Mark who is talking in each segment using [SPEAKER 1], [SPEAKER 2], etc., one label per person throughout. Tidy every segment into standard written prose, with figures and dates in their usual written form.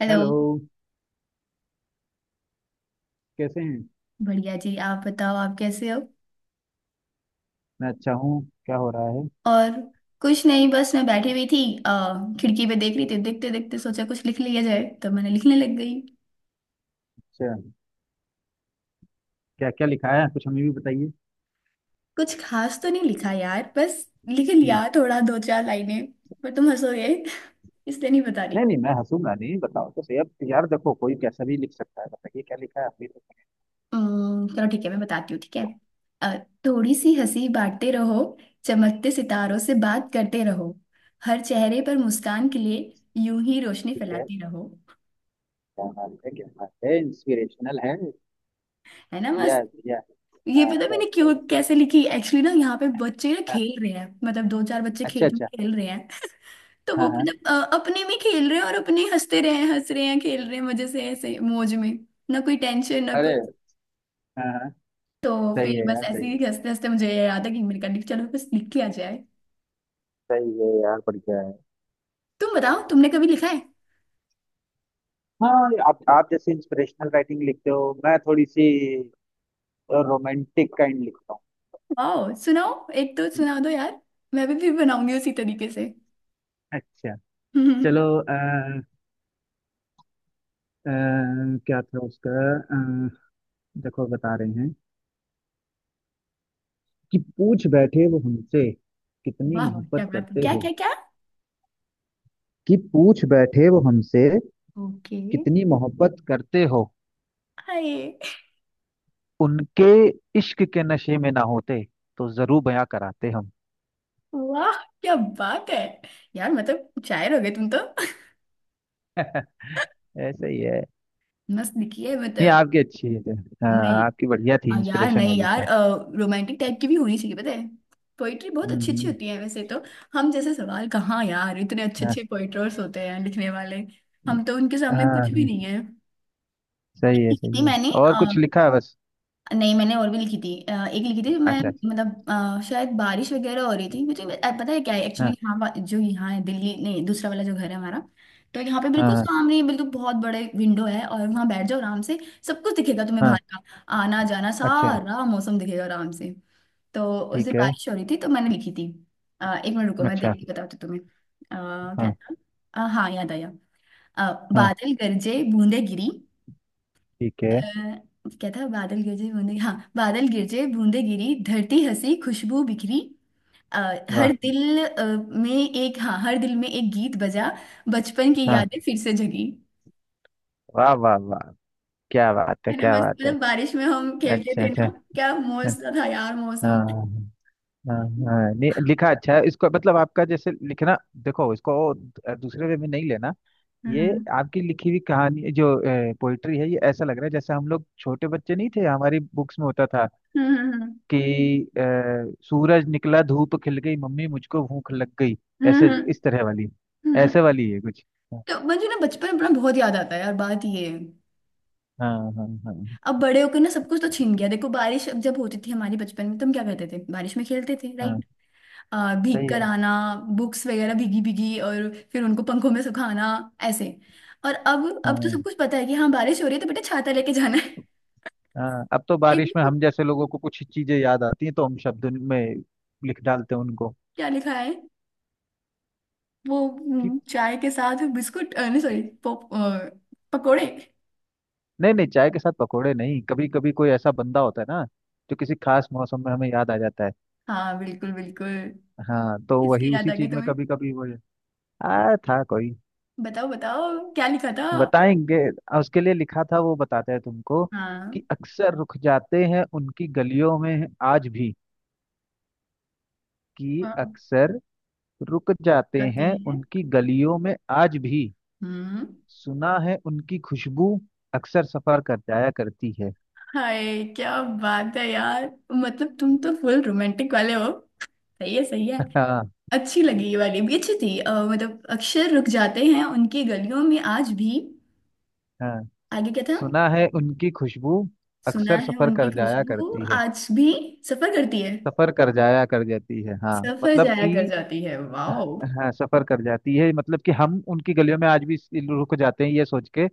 [SPEAKER 1] Hello.
[SPEAKER 2] Hello. कैसे हैं।
[SPEAKER 1] बढ़िया जी, आप बताओ आप कैसे हो।
[SPEAKER 2] मैं अच्छा हूँ। क्या हो रहा है।
[SPEAKER 1] और कुछ नहीं, बस मैं बैठी हुई थी। खिड़की पे देख रही थी, देखते देखते सोचा कुछ लिख लिया जाए तो मैंने लिखने लग गई।
[SPEAKER 2] अच्छा, क्या क्या लिखा है कुछ हमें भी बताइए।
[SPEAKER 1] कुछ खास तो नहीं लिखा यार, बस लिख
[SPEAKER 2] हम्म।
[SPEAKER 1] लिया थोड़ा, दो चार लाइनें। पर तुम हंसोगे इसलिए नहीं बता रही।
[SPEAKER 2] नहीं नहीं मैं हंसूंगा नहीं, बताओ तो सही। अब यार देखो, कोई कैसा भी लिख सकता है। बताइए क्या लिखा है आपने तो।
[SPEAKER 1] चलो ठीक है, मैं बताती हूँ, ठीक है। अ, थोड़ी सी हंसी बांटते रहो, चमकते सितारों से बात करते रहो, हर चेहरे पर मुस्कान के लिए यूं ही रोशनी
[SPEAKER 2] ठीक है।
[SPEAKER 1] फैलाते रहो।
[SPEAKER 2] क्या बात है, क्या बात है, इंस्पिरेशनल है।
[SPEAKER 1] है ना।
[SPEAKER 2] बढ़िया है, बढ़िया
[SPEAKER 1] ये
[SPEAKER 2] है। हाँ,
[SPEAKER 1] पता है
[SPEAKER 2] अच्छा
[SPEAKER 1] मैंने
[SPEAKER 2] अच्छा
[SPEAKER 1] क्यों
[SPEAKER 2] अच्छा।
[SPEAKER 1] कैसे लिखी, एक्चुअली ना यहाँ पे बच्चे ना
[SPEAKER 2] हाँ,
[SPEAKER 1] खेल रहे हैं, मतलब दो चार बच्चे
[SPEAKER 2] अच्छा
[SPEAKER 1] खेत में
[SPEAKER 2] अच्छा।
[SPEAKER 1] खेल रहे हैं। तो वो
[SPEAKER 2] हाँ हाँ।
[SPEAKER 1] मतलब अपने में खेल रहे हैं, और अपने ही हंसते रहे हैं, हंस रहे हैं, खेल रहे हैं, मजे से ऐसे मौज में। ना कोई टेंशन ना कुछ।
[SPEAKER 2] अरे, हाँ हाँ।
[SPEAKER 1] तो
[SPEAKER 2] सही
[SPEAKER 1] फिर
[SPEAKER 2] है
[SPEAKER 1] बस
[SPEAKER 2] यार, सही
[SPEAKER 1] ऐसे
[SPEAKER 2] है।
[SPEAKER 1] ही हंसते हंसते मुझे ये याद है कि मैंने कहा लिख, चलो बस लिख के आ जाए।
[SPEAKER 2] सही है यार, बढ़िया है।
[SPEAKER 1] तुम बताओ तुमने कभी लिखा है।
[SPEAKER 2] हाँ, आप जैसे इंस्पिरेशनल राइटिंग लिखते हो, मैं थोड़ी सी रोमांटिक काइंड लिखता
[SPEAKER 1] वाओ, सुनाओ। एक तो
[SPEAKER 2] हूँ।
[SPEAKER 1] सुना दो यार। मैं भी फिर बनाऊंगी उसी तरीके से।
[SPEAKER 2] अच्छा। चलो। अ, क्या था उसका। अ, देखो बता रहे हैं। कि पूछ बैठे वो हमसे, कितनी
[SPEAKER 1] वाह वाह, क्या
[SPEAKER 2] मोहब्बत
[SPEAKER 1] बात है,
[SPEAKER 2] करते
[SPEAKER 1] क्या
[SPEAKER 2] हो।
[SPEAKER 1] क्या क्या।
[SPEAKER 2] कि पूछ बैठे वो हमसे,
[SPEAKER 1] ओके।
[SPEAKER 2] कितनी मोहब्बत करते हो।
[SPEAKER 1] हाय।
[SPEAKER 2] उनके इश्क के नशे में ना होते, तो जरूर बयां कराते हम।
[SPEAKER 1] वाह, क्या बात है यार, मतलब शायर हो गए तुम तो।
[SPEAKER 2] ऐसे ही है।
[SPEAKER 1] मस्त दिखी है
[SPEAKER 2] ये
[SPEAKER 1] मतलब।
[SPEAKER 2] आपकी अच्छी है।
[SPEAKER 1] नहीं।
[SPEAKER 2] हाँ, आपकी बढ़िया थी
[SPEAKER 1] यार
[SPEAKER 2] इंस्पिरेशन
[SPEAKER 1] नहीं
[SPEAKER 2] वाली
[SPEAKER 1] यार।
[SPEAKER 2] था।
[SPEAKER 1] रोमांटिक टाइप की भी होनी चाहिए पता है। पोइट्री बहुत अच्छी अच्छी
[SPEAKER 2] हम्म।
[SPEAKER 1] होती है वैसे तो। हम जैसे सवाल कहाँ यार, इतने अच्छे
[SPEAKER 2] हाँ
[SPEAKER 1] अच्छे पोइटर्स होते हैं लिखने वाले। हम तो उनके
[SPEAKER 2] हाँ।
[SPEAKER 1] सामने कुछ भी नहीं
[SPEAKER 2] हाँ।
[SPEAKER 1] है।
[SPEAKER 2] सही है,
[SPEAKER 1] इतनी
[SPEAKER 2] सही है।
[SPEAKER 1] मैंने।
[SPEAKER 2] और कुछ लिखा है बस।
[SPEAKER 1] नहीं, मैंने और भी लिखी थी, एक लिखी थी
[SPEAKER 2] अच्छा
[SPEAKER 1] मैं।
[SPEAKER 2] अच्छा।
[SPEAKER 1] मतलब शायद बारिश वगैरह हो रही थी, मुझे पता है क्या है एक्चुअली,
[SPEAKER 2] हाँ
[SPEAKER 1] यहाँ जो यहाँ है दिल्ली नहीं, दूसरा वाला जो घर है हमारा। तो यहाँ पे
[SPEAKER 2] हाँ
[SPEAKER 1] बिल्कुल
[SPEAKER 2] हाँ।
[SPEAKER 1] सामने ही, बिल्कुल बहुत बड़े विंडो है और वहाँ बैठ जाओ आराम से। सब कुछ दिखेगा तुम्हें
[SPEAKER 2] हाँ।
[SPEAKER 1] बाहर का। आना जाना,
[SPEAKER 2] अच्छा।
[SPEAKER 1] सारा मौसम दिखेगा आराम से। तो उस दिन
[SPEAKER 2] ठीक है।
[SPEAKER 1] बारिश हो रही थी तो मैंने लिखी थी। एक मिनट रुको, मैं
[SPEAKER 2] अच्छा।
[SPEAKER 1] देख के बताती हूँ तुम्हें। क्या
[SPEAKER 2] हाँ
[SPEAKER 1] था। हाँ, याद आया। अ,
[SPEAKER 2] हाँ।
[SPEAKER 1] बादल गरजे बूंदे गिरी।
[SPEAKER 2] ठीक है।
[SPEAKER 1] क्या था, बादल गिरजे बूंदे, हाँ, बादल गिरजे बूंदे गिरी, धरती हंसी खुशबू बिखरी। अ, हर
[SPEAKER 2] वाह।
[SPEAKER 1] दिल में एक, हाँ, हर दिल में एक गीत बजा, बचपन की
[SPEAKER 2] हाँ।
[SPEAKER 1] यादें फिर से जगी।
[SPEAKER 2] वाह वाह वाह। क्या बात है,
[SPEAKER 1] है ना,
[SPEAKER 2] क्या
[SPEAKER 1] बस
[SPEAKER 2] बात है।
[SPEAKER 1] मतलब बारिश में हम खेलते
[SPEAKER 2] अच्छा
[SPEAKER 1] थे
[SPEAKER 2] अच्छा।
[SPEAKER 1] ना, क्या
[SPEAKER 2] अच्छा।
[SPEAKER 1] मौसम था यार, मौसम।
[SPEAKER 2] हाँ हाँ। हाँ, नहीं लिखा अच्छा है इसको, मतलब आपका जैसे लिखना। देखो इसको, दूसरे वे में नहीं लेना। ये
[SPEAKER 1] हम्म,
[SPEAKER 2] आपकी लिखी हुई कहानी जो पोइट्री है, ये ऐसा लग रहा है जैसे हम लोग छोटे बच्चे नहीं थे, हमारी बुक्स में होता था
[SPEAKER 1] हम्म, हम्म,
[SPEAKER 2] कि अ, सूरज निकला धूप खिल गई, मम्मी मुझको भूख लग गई। ऐसे
[SPEAKER 1] हम्म,
[SPEAKER 2] इस तरह वाली।
[SPEAKER 1] हम्म, हम्म।
[SPEAKER 2] ऐसे वाली है कुछ। हाँ।
[SPEAKER 1] तो मुझे ना बचपन अपना बहुत याद आता है यार, बात ये है।
[SPEAKER 2] हाँ हाँ। हाँ।
[SPEAKER 1] अब बड़े होकर ना सब कुछ तो छिन गया। देखो बारिश अब जब होती थी हमारे बचपन में, तो हम क्या करते थे, बारिश में खेलते थे,
[SPEAKER 2] हाँ,
[SPEAKER 1] राइट। भीग
[SPEAKER 2] सही
[SPEAKER 1] कर
[SPEAKER 2] है।
[SPEAKER 1] आना, बुक्स वगैरह भीगी भीगी और फिर उनको पंखों में सुखाना। ऐसे। और अब तो
[SPEAKER 2] हाँ
[SPEAKER 1] सब कुछ पता है कि हाँ बारिश हो रही है तो बेटा छाता लेके जाना है।
[SPEAKER 2] हाँ। अब तो
[SPEAKER 1] एक
[SPEAKER 2] बारिश में
[SPEAKER 1] वो।
[SPEAKER 2] हम जैसे लोगों को कुछ चीजें याद आती हैं, तो हम शब्द में लिख डालते हैं उनको।
[SPEAKER 1] क्या लिखा है। वो
[SPEAKER 2] कि
[SPEAKER 1] चाय के साथ बिस्कुट, नहीं सॉरी, पकोड़े।
[SPEAKER 2] नहीं नहीं, चाय के साथ पकोड़े नहीं, कभी कभी कोई ऐसा बंदा होता है ना जो किसी खास मौसम में हमें याद आ जाता है।
[SPEAKER 1] हाँ बिल्कुल बिल्कुल।
[SPEAKER 2] हाँ, तो वही
[SPEAKER 1] किसकी याद
[SPEAKER 2] उसी
[SPEAKER 1] आ गई
[SPEAKER 2] चीज में
[SPEAKER 1] तुम्हें,
[SPEAKER 2] कभी कभी वो। आ, था कोई।
[SPEAKER 1] बताओ बताओ। क्या लिखा था।
[SPEAKER 2] बताएंगे। आ, उसके लिए लिखा था वो, बताते हैं तुमको।
[SPEAKER 1] हाँ
[SPEAKER 2] कि अक्सर रुक जाते हैं उनकी गलियों में आज भी। कि
[SPEAKER 1] हाँ,
[SPEAKER 2] अक्सर रुक जाते
[SPEAKER 1] बताते
[SPEAKER 2] हैं
[SPEAKER 1] हैं।
[SPEAKER 2] उनकी गलियों में आज भी।
[SPEAKER 1] हम्म।
[SPEAKER 2] सुना है उनकी खुशबू अक्सर सफर कर जाया करती है।
[SPEAKER 1] हाय, क्या बात है यार, मतलब तुम तो फुल रोमांटिक वाले हो। सही है सही है।
[SPEAKER 2] हाँ।
[SPEAKER 1] अच्छी लगी, ये वाली भी अच्छी थी, मतलब अक्षर रुक जाते हैं उनकी गलियों में आज भी।
[SPEAKER 2] हाँ,
[SPEAKER 1] आगे क्या था।
[SPEAKER 2] सुना है उनकी खुशबू
[SPEAKER 1] सुना
[SPEAKER 2] अक्सर
[SPEAKER 1] है
[SPEAKER 2] सफर
[SPEAKER 1] उनकी
[SPEAKER 2] कर जाया
[SPEAKER 1] खुशबू
[SPEAKER 2] करती है।
[SPEAKER 1] आज भी सफर करती है।
[SPEAKER 2] सफर कर जाया कर जाती है हाँ।
[SPEAKER 1] सफर
[SPEAKER 2] मतलब
[SPEAKER 1] जाया
[SPEAKER 2] कि,
[SPEAKER 1] कर जाती है, वाह।
[SPEAKER 2] हाँ सफर कर जाती है। मतलब कि हम उनकी गलियों में आज भी रुक जाते हैं, ये सोच के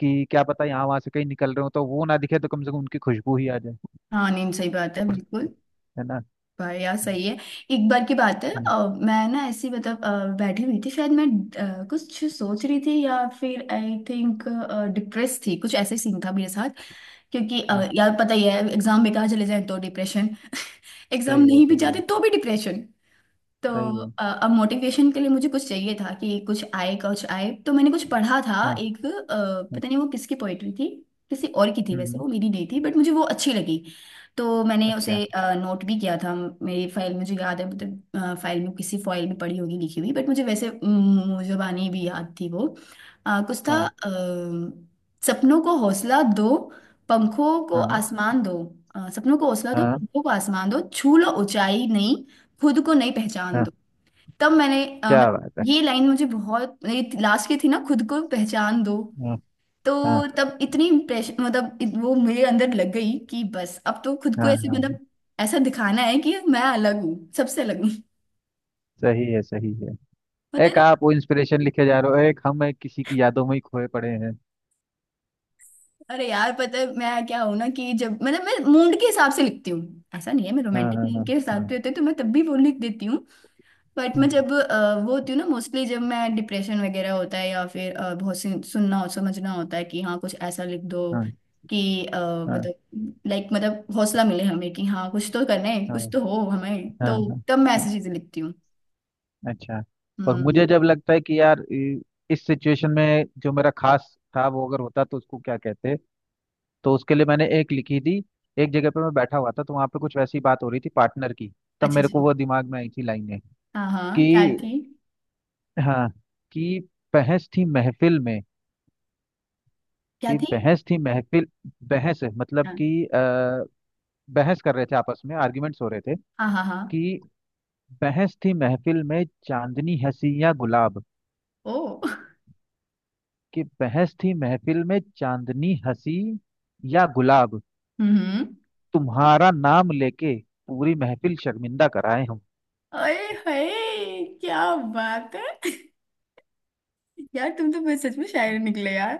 [SPEAKER 2] कि क्या पता यहाँ वहां से कहीं निकल रहे हो, तो वो ना दिखे तो कम से कम उनकी खुशबू ही आ जाए।
[SPEAKER 1] हाँ नहीं, सही बात है
[SPEAKER 2] और
[SPEAKER 1] बिल्कुल।
[SPEAKER 2] है ना।
[SPEAKER 1] भाई यार,
[SPEAKER 2] हम्म।
[SPEAKER 1] सही है। एक बार की बात है,
[SPEAKER 2] हम्म।
[SPEAKER 1] मैं ना ऐसी मतलब, बैठी हुई थी शायद मैं, कुछ सोच रही थी, या फिर आई थिंक डिप्रेस थी, कुछ ऐसे सीन था मेरे साथ। क्योंकि
[SPEAKER 2] हाँ,
[SPEAKER 1] यार पता ही है, एग्जाम बेकार चले जाए तो डिप्रेशन, एग्जाम
[SPEAKER 2] सही है,
[SPEAKER 1] नहीं भी
[SPEAKER 2] सही
[SPEAKER 1] जाते
[SPEAKER 2] है।
[SPEAKER 1] तो भी डिप्रेशन। तो
[SPEAKER 2] सही है।
[SPEAKER 1] अब मोटिवेशन के लिए मुझे कुछ चाहिए था कि कुछ आए कुछ आए, तो मैंने कुछ पढ़ा था
[SPEAKER 2] हाँ
[SPEAKER 1] एक,
[SPEAKER 2] हाँ।
[SPEAKER 1] पता नहीं वो किसकी पोएट्री थी, किसी और की थी वैसे,
[SPEAKER 2] हम्म।
[SPEAKER 1] वो मेरी नहीं थी, बट मुझे वो अच्छी लगी। तो मैंने उसे
[SPEAKER 2] अच्छा।
[SPEAKER 1] नोट भी किया था। मेरी फाइल मुझे याद है, मतलब फाइल में, किसी फाइल में पड़ी होगी लिखी हुई, बट मुझे वैसे जुबानी भी याद थी वो। कुछ था,
[SPEAKER 2] हाँ
[SPEAKER 1] सपनों को हौसला दो, पंखों को
[SPEAKER 2] हाँ
[SPEAKER 1] आसमान दो, अ, सपनों को हौसला दो
[SPEAKER 2] हाँ।
[SPEAKER 1] पंखों को आसमान दो, छू लो ऊंचाई नहीं, खुद को नहीं पहचान
[SPEAKER 2] हाँ।
[SPEAKER 1] दो। तब मैंने
[SPEAKER 2] क्या
[SPEAKER 1] मतलब
[SPEAKER 2] बात है।
[SPEAKER 1] ये लाइन मुझे बहुत, लास्ट की थी ना, खुद को पहचान दो,
[SPEAKER 2] हाँ
[SPEAKER 1] तो
[SPEAKER 2] हाँ
[SPEAKER 1] तब इतनी इम्प्रेशन, मतलब वो मेरे अंदर लग गई कि बस अब तो खुद
[SPEAKER 2] हाँ।
[SPEAKER 1] को ऐसे
[SPEAKER 2] हाँ हाँ,
[SPEAKER 1] मतलब ऐसा दिखाना है कि मैं अलग हूँ, सबसे अलग हूँ।
[SPEAKER 2] सही है, सही है।
[SPEAKER 1] पता
[SPEAKER 2] एक
[SPEAKER 1] नहीं।
[SPEAKER 2] आप वो इंस्पिरेशन लिखे जा रहे हो, एक हम एक किसी की यादों में ही खोए पड़े हैं।
[SPEAKER 1] अरे यार, पता है मैं क्या हूँ ना, कि जब मतलब मैं मूड के हिसाब से लिखती हूँ, ऐसा नहीं है, मैं
[SPEAKER 2] हाँ
[SPEAKER 1] रोमांटिक
[SPEAKER 2] हाँ हाँ।
[SPEAKER 1] मूड के हिसाब
[SPEAKER 2] हाँ।
[SPEAKER 1] से होते तो मैं तब भी वो लिख देती हूँ। बट मैं
[SPEAKER 2] हम्म।
[SPEAKER 1] जब वो होती हूँ ना मोस्टली, जब मैं डिप्रेशन वगैरह होता है, या फिर बहुत सी सुनना और समझना होता है कि हाँ कुछ ऐसा लिख दो
[SPEAKER 2] हाँ
[SPEAKER 1] कि
[SPEAKER 2] हाँ।
[SPEAKER 1] मतलब लाइक मतलब हौसला मिले हमें, कि हाँ कुछ तो करना है, कुछ
[SPEAKER 2] हाँ
[SPEAKER 1] तो हो हमें,
[SPEAKER 2] हाँ।
[SPEAKER 1] तो
[SPEAKER 2] हाँ।
[SPEAKER 1] तब मैं
[SPEAKER 2] हाँ,
[SPEAKER 1] ऐसी चीजें लिखती हूँ।
[SPEAKER 2] अच्छा। और
[SPEAKER 1] हम्म।
[SPEAKER 2] मुझे जब लगता है कि यार इस सिचुएशन में जो मेरा खास था, वो अगर होता तो उसको क्या कहते। तो उसके लिए मैंने एक लिखी थी। एक जगह पे मैं बैठा हुआ था, तो वहां पे कुछ वैसी बात हो रही थी पार्टनर की। तब
[SPEAKER 1] अच्छा
[SPEAKER 2] मेरे
[SPEAKER 1] जी।
[SPEAKER 2] को वो दिमाग में आई थी लाइनें।
[SPEAKER 1] हाँ हाँ,
[SPEAKER 2] कि
[SPEAKER 1] क्या थी,
[SPEAKER 2] हाँ, कि बहस थी महफिल में।
[SPEAKER 1] क्या
[SPEAKER 2] कि
[SPEAKER 1] थी।
[SPEAKER 2] बहस थी महफिल। बहस है मतलब कि
[SPEAKER 1] हाँ
[SPEAKER 2] बहस कर रहे थे आपस में, आर्ग्यूमेंट्स हो रहे थे।
[SPEAKER 1] हाँ, हाँ हाँ।
[SPEAKER 2] कि बहस थी महफिल में, चांदनी हंसी या गुलाब।
[SPEAKER 1] ओ।
[SPEAKER 2] कि बहस थी महफिल में, चांदनी हंसी या गुलाब।
[SPEAKER 1] हम्म हम्म।
[SPEAKER 2] तुम्हारा नाम लेके पूरी महफिल शर्मिंदा कराए हम।
[SPEAKER 1] अरे, हाय क्या बात है। यार तुम तो बस सच में शायर निकले यार।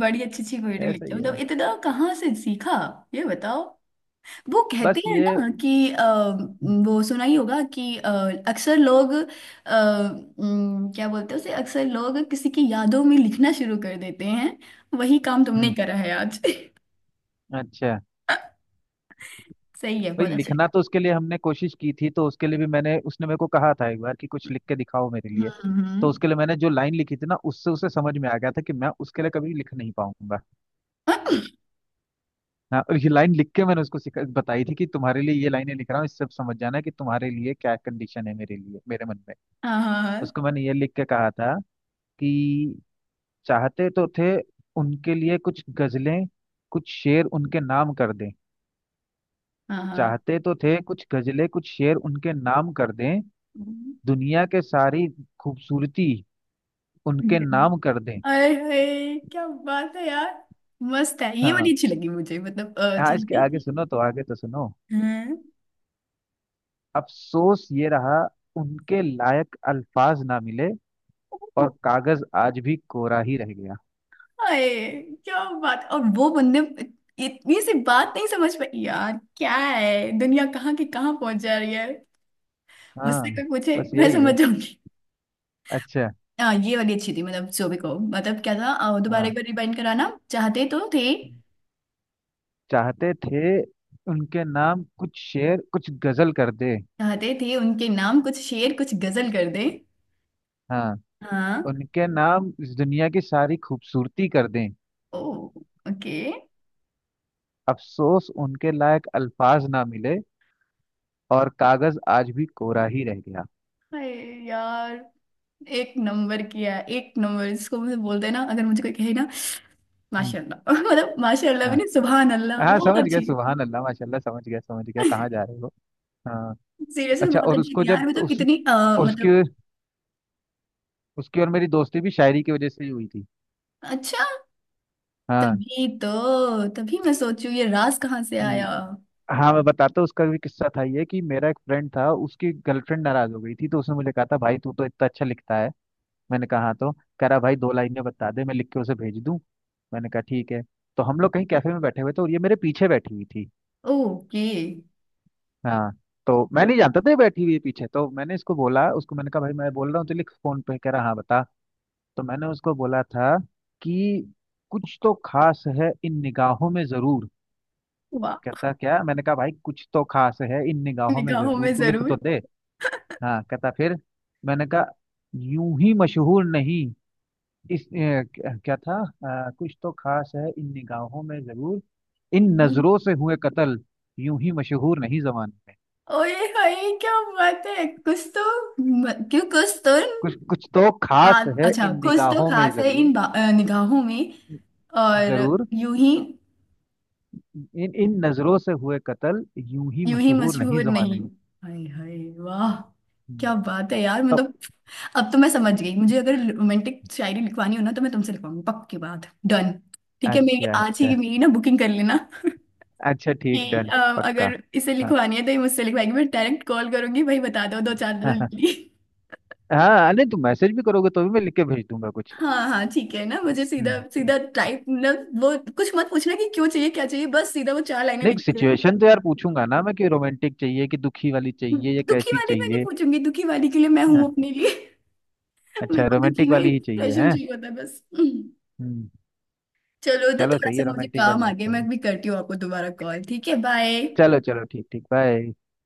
[SPEAKER 1] बड़ी अच्छी अच्छी पोएट्री
[SPEAKER 2] ऐसा
[SPEAKER 1] लिखते
[SPEAKER 2] ही
[SPEAKER 1] हो, मतलब
[SPEAKER 2] है
[SPEAKER 1] इतना कहाँ से सीखा, ये बताओ। वो कहते
[SPEAKER 2] बस
[SPEAKER 1] हैं
[SPEAKER 2] ये।
[SPEAKER 1] ना कि
[SPEAKER 2] हम्म।
[SPEAKER 1] वो सुना ही होगा कि अक्सर लोग क्या बोलते हैं उसे, अक्सर लोग किसी की यादों में लिखना शुरू कर देते हैं, वही काम तुमने
[SPEAKER 2] हम्म।
[SPEAKER 1] करा है आज।
[SPEAKER 2] अच्छा,
[SPEAKER 1] सही है,
[SPEAKER 2] भाई
[SPEAKER 1] बहुत अच्छी।
[SPEAKER 2] लिखना तो उसके लिए हमने कोशिश की थी। तो उसके लिए भी मैंने उसने मेरे को कहा था एक बार कि कुछ लिख के दिखाओ मेरे
[SPEAKER 1] हम्म
[SPEAKER 2] लिए। तो
[SPEAKER 1] हम्म।
[SPEAKER 2] उसके लिए मैंने जो लाइन लिखी थी ना, उससे उसे समझ में आ गया था कि मैं उसके लिए कभी लिख नहीं पाऊंगा। हाँ, और ये लाइन लिख के मैंने उसको सिखा बताई थी कि तुम्हारे लिए ये लाइनें लिख रहा हूँ, इससे समझ जाना कि तुम्हारे लिए क्या कंडीशन है मेरे लिए मेरे मन में।
[SPEAKER 1] हाँ हाँ,
[SPEAKER 2] उसको मैंने ये लिख के कहा था कि चाहते तो थे उनके लिए कुछ गजलें कुछ शेर उनके नाम कर दें।
[SPEAKER 1] हाँ हाँ।
[SPEAKER 2] चाहते तो थे कुछ गजलें, कुछ शेर उनके नाम कर दें।
[SPEAKER 1] हम्म।
[SPEAKER 2] दुनिया के सारी खूबसूरती उनके नाम कर दें।
[SPEAKER 1] अरे अरे, क्या बात है यार, मस्त है ये वाली,
[SPEAKER 2] हाँ।
[SPEAKER 1] अच्छी लगी मुझे, मतलब
[SPEAKER 2] हाँ, इसके
[SPEAKER 1] चाहते
[SPEAKER 2] आगे
[SPEAKER 1] थे।
[SPEAKER 2] सुनो तो, आगे तो सुनो।
[SPEAKER 1] हाँ।
[SPEAKER 2] अफसोस ये रहा, उनके लायक अल्फाज ना मिले, और कागज आज भी कोरा ही रह गया।
[SPEAKER 1] हाय क्या बात, और वो बंदे इतनी सी बात नहीं समझ पाई यार, क्या है दुनिया कहाँ की कहाँ पहुंच जा रही है। मुझसे
[SPEAKER 2] हाँ,
[SPEAKER 1] कोई पूछे
[SPEAKER 2] बस
[SPEAKER 1] मैं
[SPEAKER 2] यही है।
[SPEAKER 1] समझ जाऊंगी।
[SPEAKER 2] अच्छा।
[SPEAKER 1] हाँ ये वाली अच्छी थी, मतलब जो भी को, मतलब क्या था, दोबारा
[SPEAKER 2] हाँ,
[SPEAKER 1] एक बार रिवाइंड कराना, चाहते तो थे,
[SPEAKER 2] चाहते थे उनके नाम कुछ शेर कुछ गजल कर दे।
[SPEAKER 1] चाहते थे उनके नाम कुछ शेर कुछ गजल कर दे।
[SPEAKER 2] हाँ।
[SPEAKER 1] हाँ।
[SPEAKER 2] उनके नाम इस दुनिया की सारी खूबसूरती कर दें।
[SPEAKER 1] ओ। ओके।
[SPEAKER 2] अफसोस उनके लायक अल्फाज ना मिले, और कागज आज भी कोरा ही रह गया।
[SPEAKER 1] हाय यार, एक नंबर किया, एक नंबर इसको, मुझे बोलते हैं ना, अगर मुझे कोई कहे ना माशाल्लाह। मतलब माशाल्लाह भी
[SPEAKER 2] हाँ।
[SPEAKER 1] नहीं, सुभान अल्लाह,
[SPEAKER 2] हाँ,
[SPEAKER 1] बहुत
[SPEAKER 2] समझ गया,
[SPEAKER 1] अच्छी।
[SPEAKER 2] सुभान अल्लाह माशाल्लाह, समझ गया कहाँ जा रहे हो। हाँ।
[SPEAKER 1] सीरियसली
[SPEAKER 2] अच्छा।
[SPEAKER 1] बहुत
[SPEAKER 2] और
[SPEAKER 1] अच्छी
[SPEAKER 2] उसको
[SPEAKER 1] थी
[SPEAKER 2] जब
[SPEAKER 1] यार, मतलब
[SPEAKER 2] उस,
[SPEAKER 1] इतनी
[SPEAKER 2] और उसकी,
[SPEAKER 1] मतलब
[SPEAKER 2] उसकी और मेरी दोस्ती भी शायरी की वजह से ही हुई थी।
[SPEAKER 1] अच्छा।
[SPEAKER 2] हाँ।
[SPEAKER 1] तभी तो, तभी मैं सोचू ये राज कहाँ से आया।
[SPEAKER 2] हम्म। हाँ, मैं बताता हूँ उसका भी किस्सा था। ये कि मेरा एक फ्रेंड था, उसकी गर्लफ्रेंड नाराज हो गई थी, तो उसने मुझे कहा था भाई तू तो इतना अच्छा लिखता है। मैंने कहा हाँ, तो कह रहा भाई दो लाइनें बता दे, मैं लिख के उसे भेज दूँ। मैंने कहा ठीक है। तो हम लोग कहीं कैफे में बैठे हुए थे, और ये मेरे पीछे बैठी हुई थी।
[SPEAKER 1] ओके।
[SPEAKER 2] हाँ। तो मैं नहीं जानता था ये बैठी हुई है पीछे। तो मैंने इसको बोला, उसको मैंने कहा भाई मैं बोल रहा हूँ तो लिख, फोन पे। कह रहा हाँ बता। तो मैंने उसको बोला था कि कुछ तो खास है इन निगाहों में जरूर।
[SPEAKER 1] वाह।
[SPEAKER 2] कहता क्या। मैंने कहा भाई कुछ तो खास है इन निगाहों में
[SPEAKER 1] निगाहों में
[SPEAKER 2] जरूर, तू लिख
[SPEAKER 1] जरूर।
[SPEAKER 2] तो दे। हाँ, कहता फिर। मैंने कहा यूं ही मशहूर नहीं, इस, क्या क्या था। कुछ तो खास है इन निगाहों में जरूर, इन नजरों से हुए कत्ल यूं ही मशहूर नहीं जमाने में।
[SPEAKER 1] ओए हाय, क्या बात है, कुछ तो क्यों, कुछ तो
[SPEAKER 2] कुछ कुछ तो खास
[SPEAKER 1] बात,
[SPEAKER 2] है
[SPEAKER 1] अच्छा
[SPEAKER 2] इन
[SPEAKER 1] कुछ तो
[SPEAKER 2] निगाहों में
[SPEAKER 1] खास है
[SPEAKER 2] जरूर।
[SPEAKER 1] इन निगाहों में, और
[SPEAKER 2] जरूर,
[SPEAKER 1] यूं ही,
[SPEAKER 2] इन इन नजरों से हुए कत्ल यूं ही
[SPEAKER 1] यूं ही
[SPEAKER 2] मशहूर नहीं
[SPEAKER 1] मशहूर
[SPEAKER 2] जमाने
[SPEAKER 1] नहीं।
[SPEAKER 2] में।
[SPEAKER 1] हाय हाय, वाह, क्या
[SPEAKER 2] हम्म।
[SPEAKER 1] बात है यार
[SPEAKER 2] तो
[SPEAKER 1] मतलब। अब तो मैं समझ गई, मुझे अगर रोमांटिक शायरी लिखवानी हो ना तो मैं तुमसे लिखवाऊंगी, पक्की बात। डन। ठीक है, मेरी
[SPEAKER 2] अच्छा
[SPEAKER 1] आज ही
[SPEAKER 2] अच्छा।
[SPEAKER 1] की, मेरी ना बुकिंग कर लेना
[SPEAKER 2] अच्छा ठीक,
[SPEAKER 1] कि
[SPEAKER 2] डन। पक्का।
[SPEAKER 1] अगर इसे
[SPEAKER 2] हाँ
[SPEAKER 1] लिखवानी है तो ये मुझसे लिखवाएगी, मैं डायरेक्ट कॉल करूंगी, भाई बता दो दो चार दिन
[SPEAKER 2] हाँ।
[SPEAKER 1] के लिए।
[SPEAKER 2] हाँ हाँ, नहीं तुम मैसेज भी करोगे तो भी मैं लिख के भेज दूंगा कुछ।
[SPEAKER 1] हाँ हाँ ठीक है ना, मुझे
[SPEAKER 2] हम्म
[SPEAKER 1] सीधा
[SPEAKER 2] हम्म।
[SPEAKER 1] सीधा टाइप, मतलब वो कुछ मत पूछना कि क्यों चाहिए क्या चाहिए, बस सीधा वो चार लाइनें
[SPEAKER 2] नहीं,
[SPEAKER 1] लिख देना।
[SPEAKER 2] सिचुएशन तो यार पूछूंगा ना मैं कि रोमांटिक चाहिए कि दुखी वाली चाहिए या
[SPEAKER 1] दुखी
[SPEAKER 2] कैसी
[SPEAKER 1] वाली मैं नहीं
[SPEAKER 2] चाहिए।
[SPEAKER 1] पूछूंगी, दुखी वाली के लिए मैं हूँ
[SPEAKER 2] हाँ,
[SPEAKER 1] अपने लिए। मेरे
[SPEAKER 2] अच्छा
[SPEAKER 1] को दुखी
[SPEAKER 2] रोमांटिक
[SPEAKER 1] में
[SPEAKER 2] वाली ही चाहिए
[SPEAKER 1] इंप्रेशन
[SPEAKER 2] है।
[SPEAKER 1] चाहिए होता है बस।
[SPEAKER 2] हम्म।
[SPEAKER 1] चलो तो
[SPEAKER 2] चलो
[SPEAKER 1] थोड़ा
[SPEAKER 2] सही
[SPEAKER 1] सा
[SPEAKER 2] है,
[SPEAKER 1] मुझे
[SPEAKER 2] रोमांटिक
[SPEAKER 1] काम
[SPEAKER 2] वाली
[SPEAKER 1] आ गया,
[SPEAKER 2] लिखते
[SPEAKER 1] मैं
[SPEAKER 2] हैं।
[SPEAKER 1] अभी करती हूँ आपको दोबारा कॉल, ठीक है, बाय।
[SPEAKER 2] चलो चलो ठीक ठीक, बाय।